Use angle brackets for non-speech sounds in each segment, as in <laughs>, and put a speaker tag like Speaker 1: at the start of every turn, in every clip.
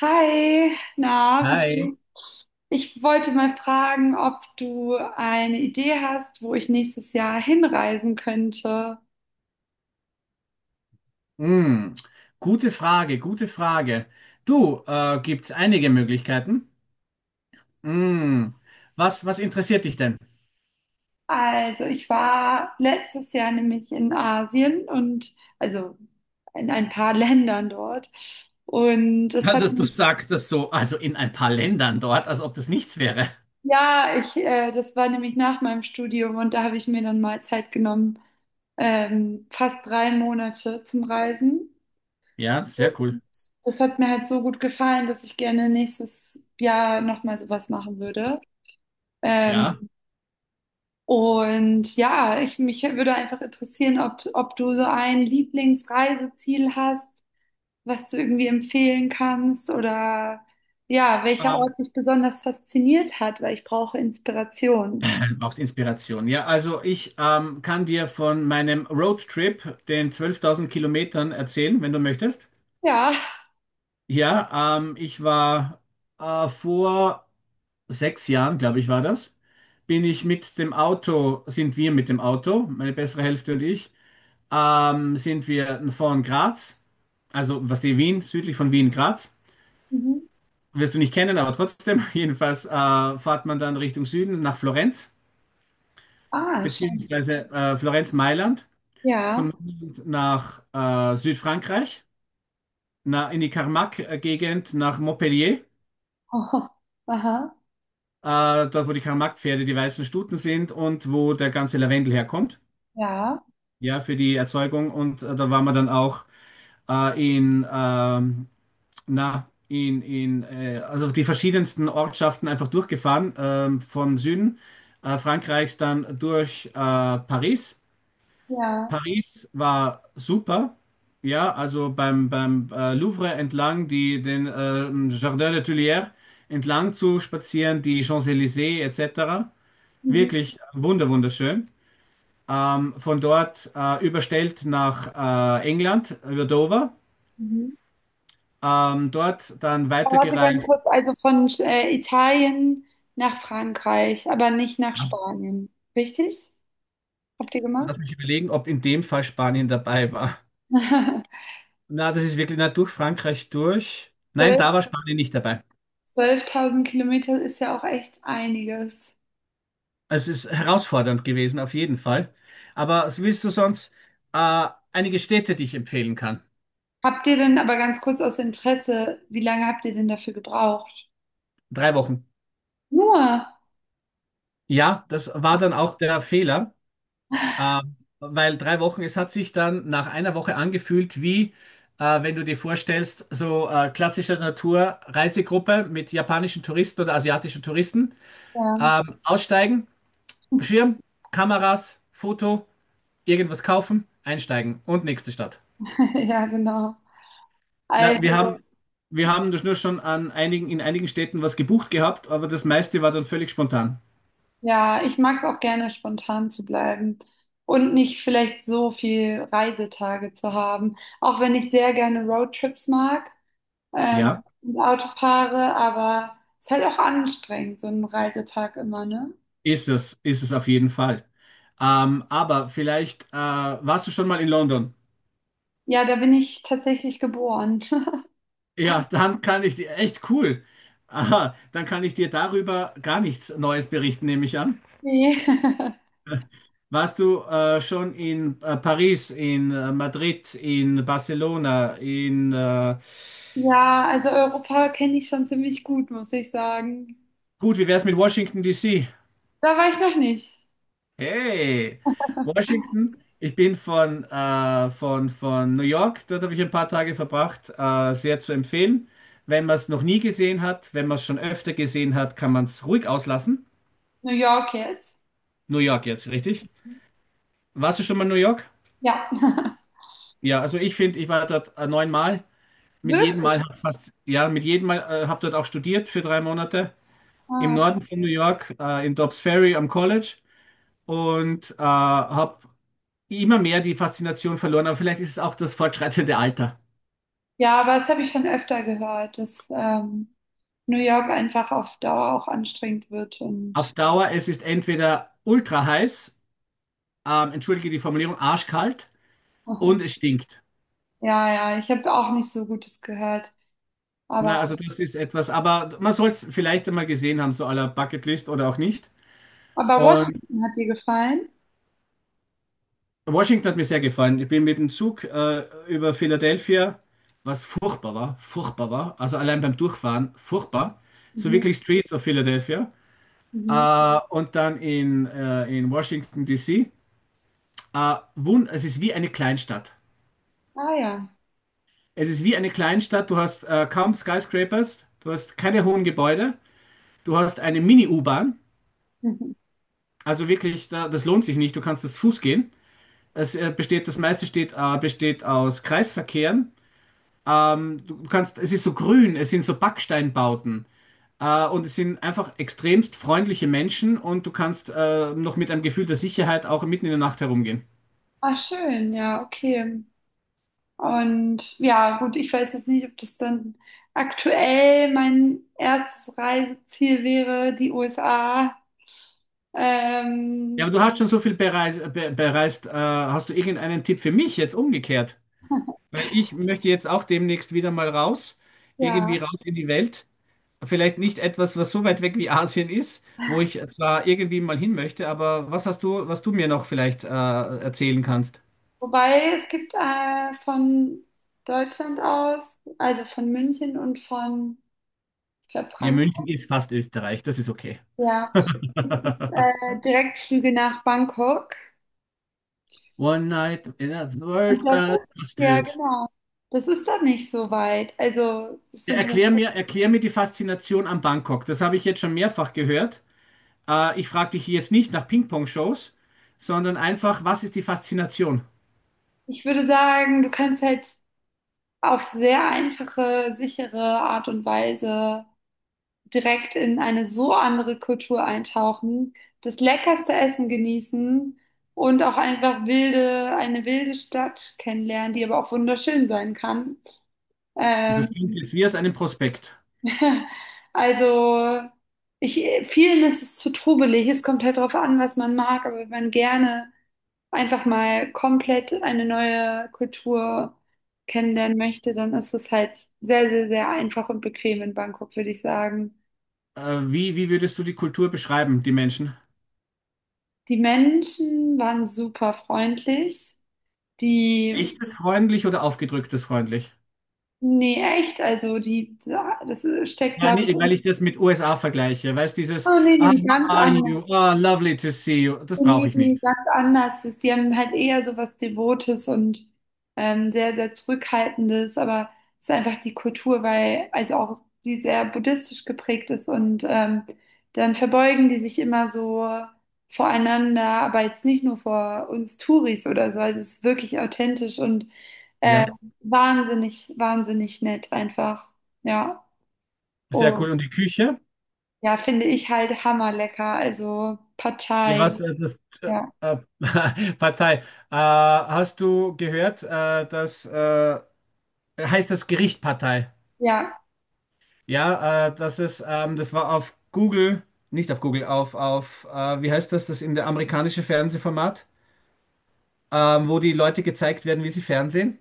Speaker 1: Hi, na, wie
Speaker 2: Hi.
Speaker 1: geht's? Ich wollte mal fragen, ob du eine Idee hast, wo ich nächstes Jahr hinreisen könnte.
Speaker 2: Hm, Gute Frage, gute Frage. Du, gibt's einige Möglichkeiten? Hm, was interessiert dich denn?
Speaker 1: Also, ich war letztes Jahr nämlich in Asien und also in ein paar <laughs> Ländern dort. Und das
Speaker 2: Ja,
Speaker 1: hat
Speaker 2: dass du sagst das so, also in ein paar Ländern dort, als ob das nichts wäre.
Speaker 1: ja, ich, das war nämlich nach meinem Studium und da habe ich mir dann mal Zeit genommen, fast 3 Monate zum Reisen.
Speaker 2: Ja, sehr
Speaker 1: Und
Speaker 2: cool.
Speaker 1: das hat mir halt so gut gefallen, dass ich gerne nächstes Jahr nochmal sowas machen würde. Ähm,
Speaker 2: Ja.
Speaker 1: und ja, ich, mich würde einfach interessieren, ob du so ein Lieblingsreiseziel hast, was du irgendwie empfehlen kannst oder ja, welcher
Speaker 2: Ähm,
Speaker 1: Ort dich besonders fasziniert hat, weil ich brauche Inspiration.
Speaker 2: <clears throat> Brauchst Inspiration. Ja, also ich kann dir von meinem Roadtrip, den 12.000 Kilometern, erzählen, wenn du möchtest.
Speaker 1: Ja.
Speaker 2: Ja, ich war vor 6 Jahren, glaube ich, war das, bin ich mit dem Auto, sind wir mit dem Auto, meine bessere Hälfte und ich, sind wir von Graz, also was die Wien, südlich von Wien, Graz,
Speaker 1: Mhm.
Speaker 2: wirst du nicht kennen, aber trotzdem, <laughs> jedenfalls fährt man dann Richtung Süden nach Florenz,
Speaker 1: Ah, schon.
Speaker 2: beziehungsweise Florenz-Mailand,
Speaker 1: Ja.
Speaker 2: von Mailand nach Südfrankreich, na, in die Carmac-Gegend nach Montpellier.
Speaker 1: <laughs> Aha.
Speaker 2: Dort, wo die Karl-Marx-Pferde die weißen Stuten sind und wo der ganze Lavendel herkommt,
Speaker 1: Ja.
Speaker 2: ja, für die Erzeugung. Und da waren wir dann auch in, na, in also die verschiedensten Ortschaften einfach durchgefahren, vom Süden Frankreichs dann durch Paris.
Speaker 1: Ja.
Speaker 2: Paris war super. Ja, also beim Louvre entlang, die, den Jardin des Tuileries entlang zu spazieren, die Champs-Élysées etc.
Speaker 1: Mhm.
Speaker 2: Wirklich wunderschön. Von dort überstellt nach England, über Dover.
Speaker 1: Mhm.
Speaker 2: Dort dann
Speaker 1: Warte ganz
Speaker 2: weitergereist.
Speaker 1: kurz, also von Italien nach Frankreich, aber nicht nach
Speaker 2: Ja,
Speaker 1: Spanien. Richtig? Habt ihr gemacht?
Speaker 2: lass mich überlegen, ob in dem Fall Spanien dabei war.
Speaker 1: <laughs>
Speaker 2: Na, das ist wirklich, na, durch Frankreich durch. Nein,
Speaker 1: 12
Speaker 2: da war Spanien nicht dabei.
Speaker 1: 12.000 Kilometer ist ja auch echt einiges.
Speaker 2: Also, es ist herausfordernd gewesen, auf jeden Fall. Aber was willst du sonst einige Städte, die ich empfehlen kann?
Speaker 1: Habt ihr denn, aber ganz kurz aus Interesse, wie lange habt ihr denn dafür gebraucht?
Speaker 2: 3 Wochen.
Speaker 1: Nur.
Speaker 2: Ja, das war dann auch der Fehler. Weil 3 Wochen, es hat sich dann nach einer Woche angefühlt wie, wenn du dir vorstellst, so klassische Naturreisegruppe mit japanischen Touristen oder asiatischen Touristen.
Speaker 1: Ja,
Speaker 2: Aussteigen, Schirm, Kameras, Foto, irgendwas kaufen, einsteigen und nächste Stadt.
Speaker 1: <laughs> ja, genau.
Speaker 2: Na, wir
Speaker 1: Also
Speaker 2: haben, wir haben das nur schon an einigen, in einigen Städten was gebucht gehabt, aber das meiste war dann völlig spontan.
Speaker 1: ja, ich mag es auch gerne, spontan zu bleiben und nicht vielleicht so viel Reisetage zu haben. Auch wenn ich sehr gerne Roadtrips mag, ähm,
Speaker 2: Ja,
Speaker 1: und Auto fahre, aber es ist halt auch anstrengend, so ein Reisetag immer, ne?
Speaker 2: ist es auf jeden Fall. Aber vielleicht warst du schon mal in London?
Speaker 1: Ja, da bin ich tatsächlich geboren. <laughs>
Speaker 2: Ja, dann kann ich dir, echt cool. Aha, dann kann ich dir darüber gar nichts Neues berichten, nehme ich an.
Speaker 1: Nee. <laughs>
Speaker 2: Warst du schon in Paris, in Madrid, in Barcelona, in
Speaker 1: Ja, also Europa kenne ich schon ziemlich gut, muss ich sagen.
Speaker 2: gut, wie wär's mit Washington DC?
Speaker 1: Da war ich noch nicht.
Speaker 2: Hey, Washington, ich bin von New York, dort habe ich ein paar Tage verbracht, sehr zu empfehlen. Wenn man es noch nie gesehen hat, wenn man es schon öfter gesehen hat, kann man es ruhig auslassen.
Speaker 1: New York jetzt?
Speaker 2: New York jetzt, richtig? Warst du schon mal in New York?
Speaker 1: Ja. <laughs>
Speaker 2: Ja, also ich finde, ich war dort neunmal. Mit jedem
Speaker 1: Wirklich?
Speaker 2: Mal hat's was, ja, mit jedem Mal habe dort auch studiert für 3 Monate im
Speaker 1: Ah.
Speaker 2: Norden von New York, in Dobbs Ferry am College und habe immer mehr die Faszination verloren. Aber vielleicht ist es auch das fortschreitende Alter.
Speaker 1: Ja, aber das habe ich schon öfter gehört, dass New York einfach auf Dauer auch anstrengend wird
Speaker 2: Auf
Speaker 1: und
Speaker 2: Dauer, es ist entweder ultra heiß, entschuldige die Formulierung, arschkalt und
Speaker 1: <laughs>
Speaker 2: es stinkt.
Speaker 1: ja, ja, ich habe auch nicht so Gutes gehört.
Speaker 2: Na, also
Speaker 1: Aber,
Speaker 2: das ist etwas, aber man soll es vielleicht einmal gesehen haben, so à la Bucketlist oder auch nicht.
Speaker 1: aber
Speaker 2: Und
Speaker 1: Washington hat dir gefallen?
Speaker 2: Washington hat mir sehr gefallen. Ich bin mit dem Zug über Philadelphia, was furchtbar war, furchtbar war. Also allein beim Durchfahren, furchtbar. So
Speaker 1: Mhm,
Speaker 2: wirklich Streets of Philadelphia.
Speaker 1: mhm.
Speaker 2: Und dann in Washington, D.C. Wund Es ist wie eine Kleinstadt.
Speaker 1: Ah ja. <laughs>
Speaker 2: Es ist wie eine Kleinstadt. Du hast kaum Skyscrapers, du hast keine hohen Gebäude, du hast eine Mini-U-Bahn.
Speaker 1: Mhm.
Speaker 2: Also wirklich, da, das lohnt sich nicht. Du kannst das Fuß gehen. Es besteht, das meiste steht, besteht aus Kreisverkehren. Du kannst, es ist so grün, es sind so Backsteinbauten. Und es sind einfach extremst freundliche Menschen und du kannst noch mit einem Gefühl der Sicherheit auch mitten in der Nacht herumgehen.
Speaker 1: Ah, schön, ja, okay. Und ja, gut, ich weiß jetzt nicht, ob das dann aktuell mein erstes Reiseziel wäre, die USA.
Speaker 2: Ja,
Speaker 1: Ähm,
Speaker 2: aber du hast schon so viel bereist, be bereist. Hast du irgendeinen Tipp für mich jetzt umgekehrt? Weil ich möchte jetzt auch demnächst wieder mal raus, irgendwie
Speaker 1: ja.
Speaker 2: raus in die Welt. Vielleicht nicht etwas, was so weit weg wie Asien ist, wo ich zwar irgendwie mal hin möchte, aber was hast du, was du mir noch vielleicht erzählen kannst?
Speaker 1: Wobei es gibt von Deutschland aus, also von München und von, ich glaube,
Speaker 2: Ja,
Speaker 1: Frankfurt,
Speaker 2: München ist fast Österreich, das ist okay.
Speaker 1: ja, gibt es Direktflüge nach Bangkok.
Speaker 2: One night in a
Speaker 1: Und
Speaker 2: world
Speaker 1: das
Speaker 2: got
Speaker 1: ist, ja,
Speaker 2: busted.
Speaker 1: genau. Das ist dann nicht so weit. Also, es
Speaker 2: Ja,
Speaker 1: sind,
Speaker 2: erklär mir die Faszination an Bangkok. Das habe ich jetzt schon mehrfach gehört. Ich frage dich jetzt nicht nach Ping-Pong-Shows, sondern einfach, was ist die Faszination?
Speaker 1: ich würde sagen, du kannst halt auf sehr einfache, sichere Art und Weise direkt in eine so andere Kultur eintauchen, das leckerste Essen genießen und auch einfach wilde, eine wilde Stadt kennenlernen, die aber auch wunderschön sein kann.
Speaker 2: Und
Speaker 1: Ähm,
Speaker 2: das klingt jetzt wie aus einem Prospekt.
Speaker 1: <laughs> also ich, vielen ist es zu trubelig. Es kommt halt darauf an, was man mag, aber wenn man gerne einfach mal komplett eine neue Kultur kennenlernen möchte, dann ist es halt sehr, sehr, sehr einfach und bequem in Bangkok, würde ich sagen.
Speaker 2: Wie würdest du die Kultur beschreiben, die Menschen?
Speaker 1: Die Menschen waren super freundlich. Die,
Speaker 2: Echtes freundlich oder aufgedrücktes freundlich?
Speaker 1: nee, echt, also die, das steckt,
Speaker 2: Ja,
Speaker 1: glaube ich,
Speaker 2: nee,
Speaker 1: in,
Speaker 2: weil ich das mit USA vergleiche. Weißt dieses,
Speaker 1: oh nee,
Speaker 2: ah,
Speaker 1: nee,
Speaker 2: how
Speaker 1: ganz
Speaker 2: are
Speaker 1: anders.
Speaker 2: you? Ah, lovely to see you. Das brauche
Speaker 1: Nee,
Speaker 2: ich nicht.
Speaker 1: nee, ganz anders. Sie haben halt eher so was Devotes und sehr, sehr Zurückhaltendes, aber es ist einfach die Kultur, weil, also auch die sehr buddhistisch geprägt ist und dann verbeugen die sich immer so voreinander, aber jetzt nicht nur vor uns Touris oder so. Also es ist wirklich authentisch und ähm,
Speaker 2: Ja,
Speaker 1: wahnsinnig, wahnsinnig nett einfach. Ja.
Speaker 2: sehr cool.
Speaker 1: Und
Speaker 2: Und die Küche?
Speaker 1: ja, finde ich halt hammerlecker. Also
Speaker 2: Ja,
Speaker 1: Partei,
Speaker 2: was, das
Speaker 1: ja.
Speaker 2: <laughs> Partei. Hast du gehört, dass heißt das Gericht Partei?
Speaker 1: Ja.
Speaker 2: Ja, das ist, das war auf Google, nicht auf Google, auf, wie heißt das, das in der amerikanische Fernsehformat, wo die Leute gezeigt werden, wie sie fernsehen.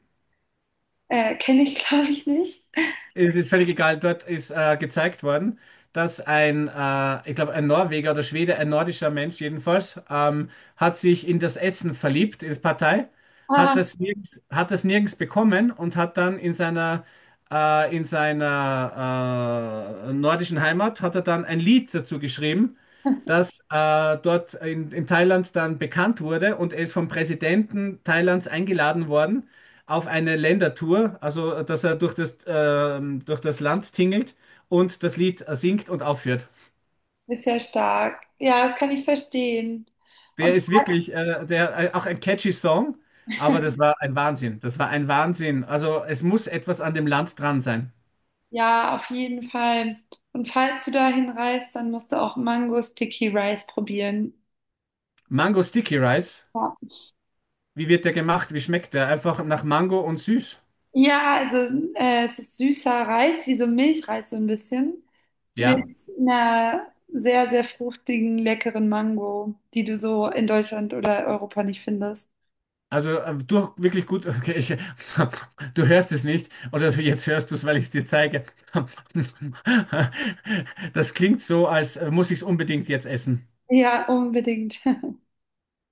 Speaker 1: Kenne ich, <laughs> glaube ich, nicht.
Speaker 2: Es ist völlig egal, dort ist gezeigt worden, dass ein, ich glaube, ein Norweger oder Schwede, ein nordischer Mensch jedenfalls, hat sich in das Essen verliebt, in das Partei,
Speaker 1: Ah,
Speaker 2: hat das nirgends bekommen und hat dann in seiner nordischen Heimat hat er dann ein Lied dazu geschrieben, das dort in Thailand dann bekannt wurde und er ist vom Präsidenten Thailands eingeladen worden auf eine Ländertour, also dass er durch das Land tingelt und das Lied singt und aufführt.
Speaker 1: ist ja stark. Ja, das kann ich verstehen.
Speaker 2: Der
Speaker 1: Und
Speaker 2: ist wirklich, der, auch ein catchy Song, aber das war ein Wahnsinn. Das war ein Wahnsinn. Also es muss etwas an dem Land dran sein.
Speaker 1: ja, auf jeden Fall. Und falls du dahin reist, dann musst du auch Mango Sticky Rice probieren.
Speaker 2: Mango Sticky Rice,
Speaker 1: Ja,
Speaker 2: wie wird der gemacht? Wie schmeckt der? Einfach nach Mango und süß.
Speaker 1: ja, also es ist süßer Reis, wie so Milchreis so ein bisschen, mit
Speaker 2: Ja.
Speaker 1: einer sehr, sehr fruchtigen, leckeren Mango, die du so in Deutschland oder Europa nicht findest.
Speaker 2: Also durch wirklich gut, okay, ich, <laughs> du hörst es nicht, oder jetzt hörst du es, weil ich es dir zeige. <laughs> Das klingt so, als muss ich es unbedingt jetzt essen.
Speaker 1: Ja, unbedingt.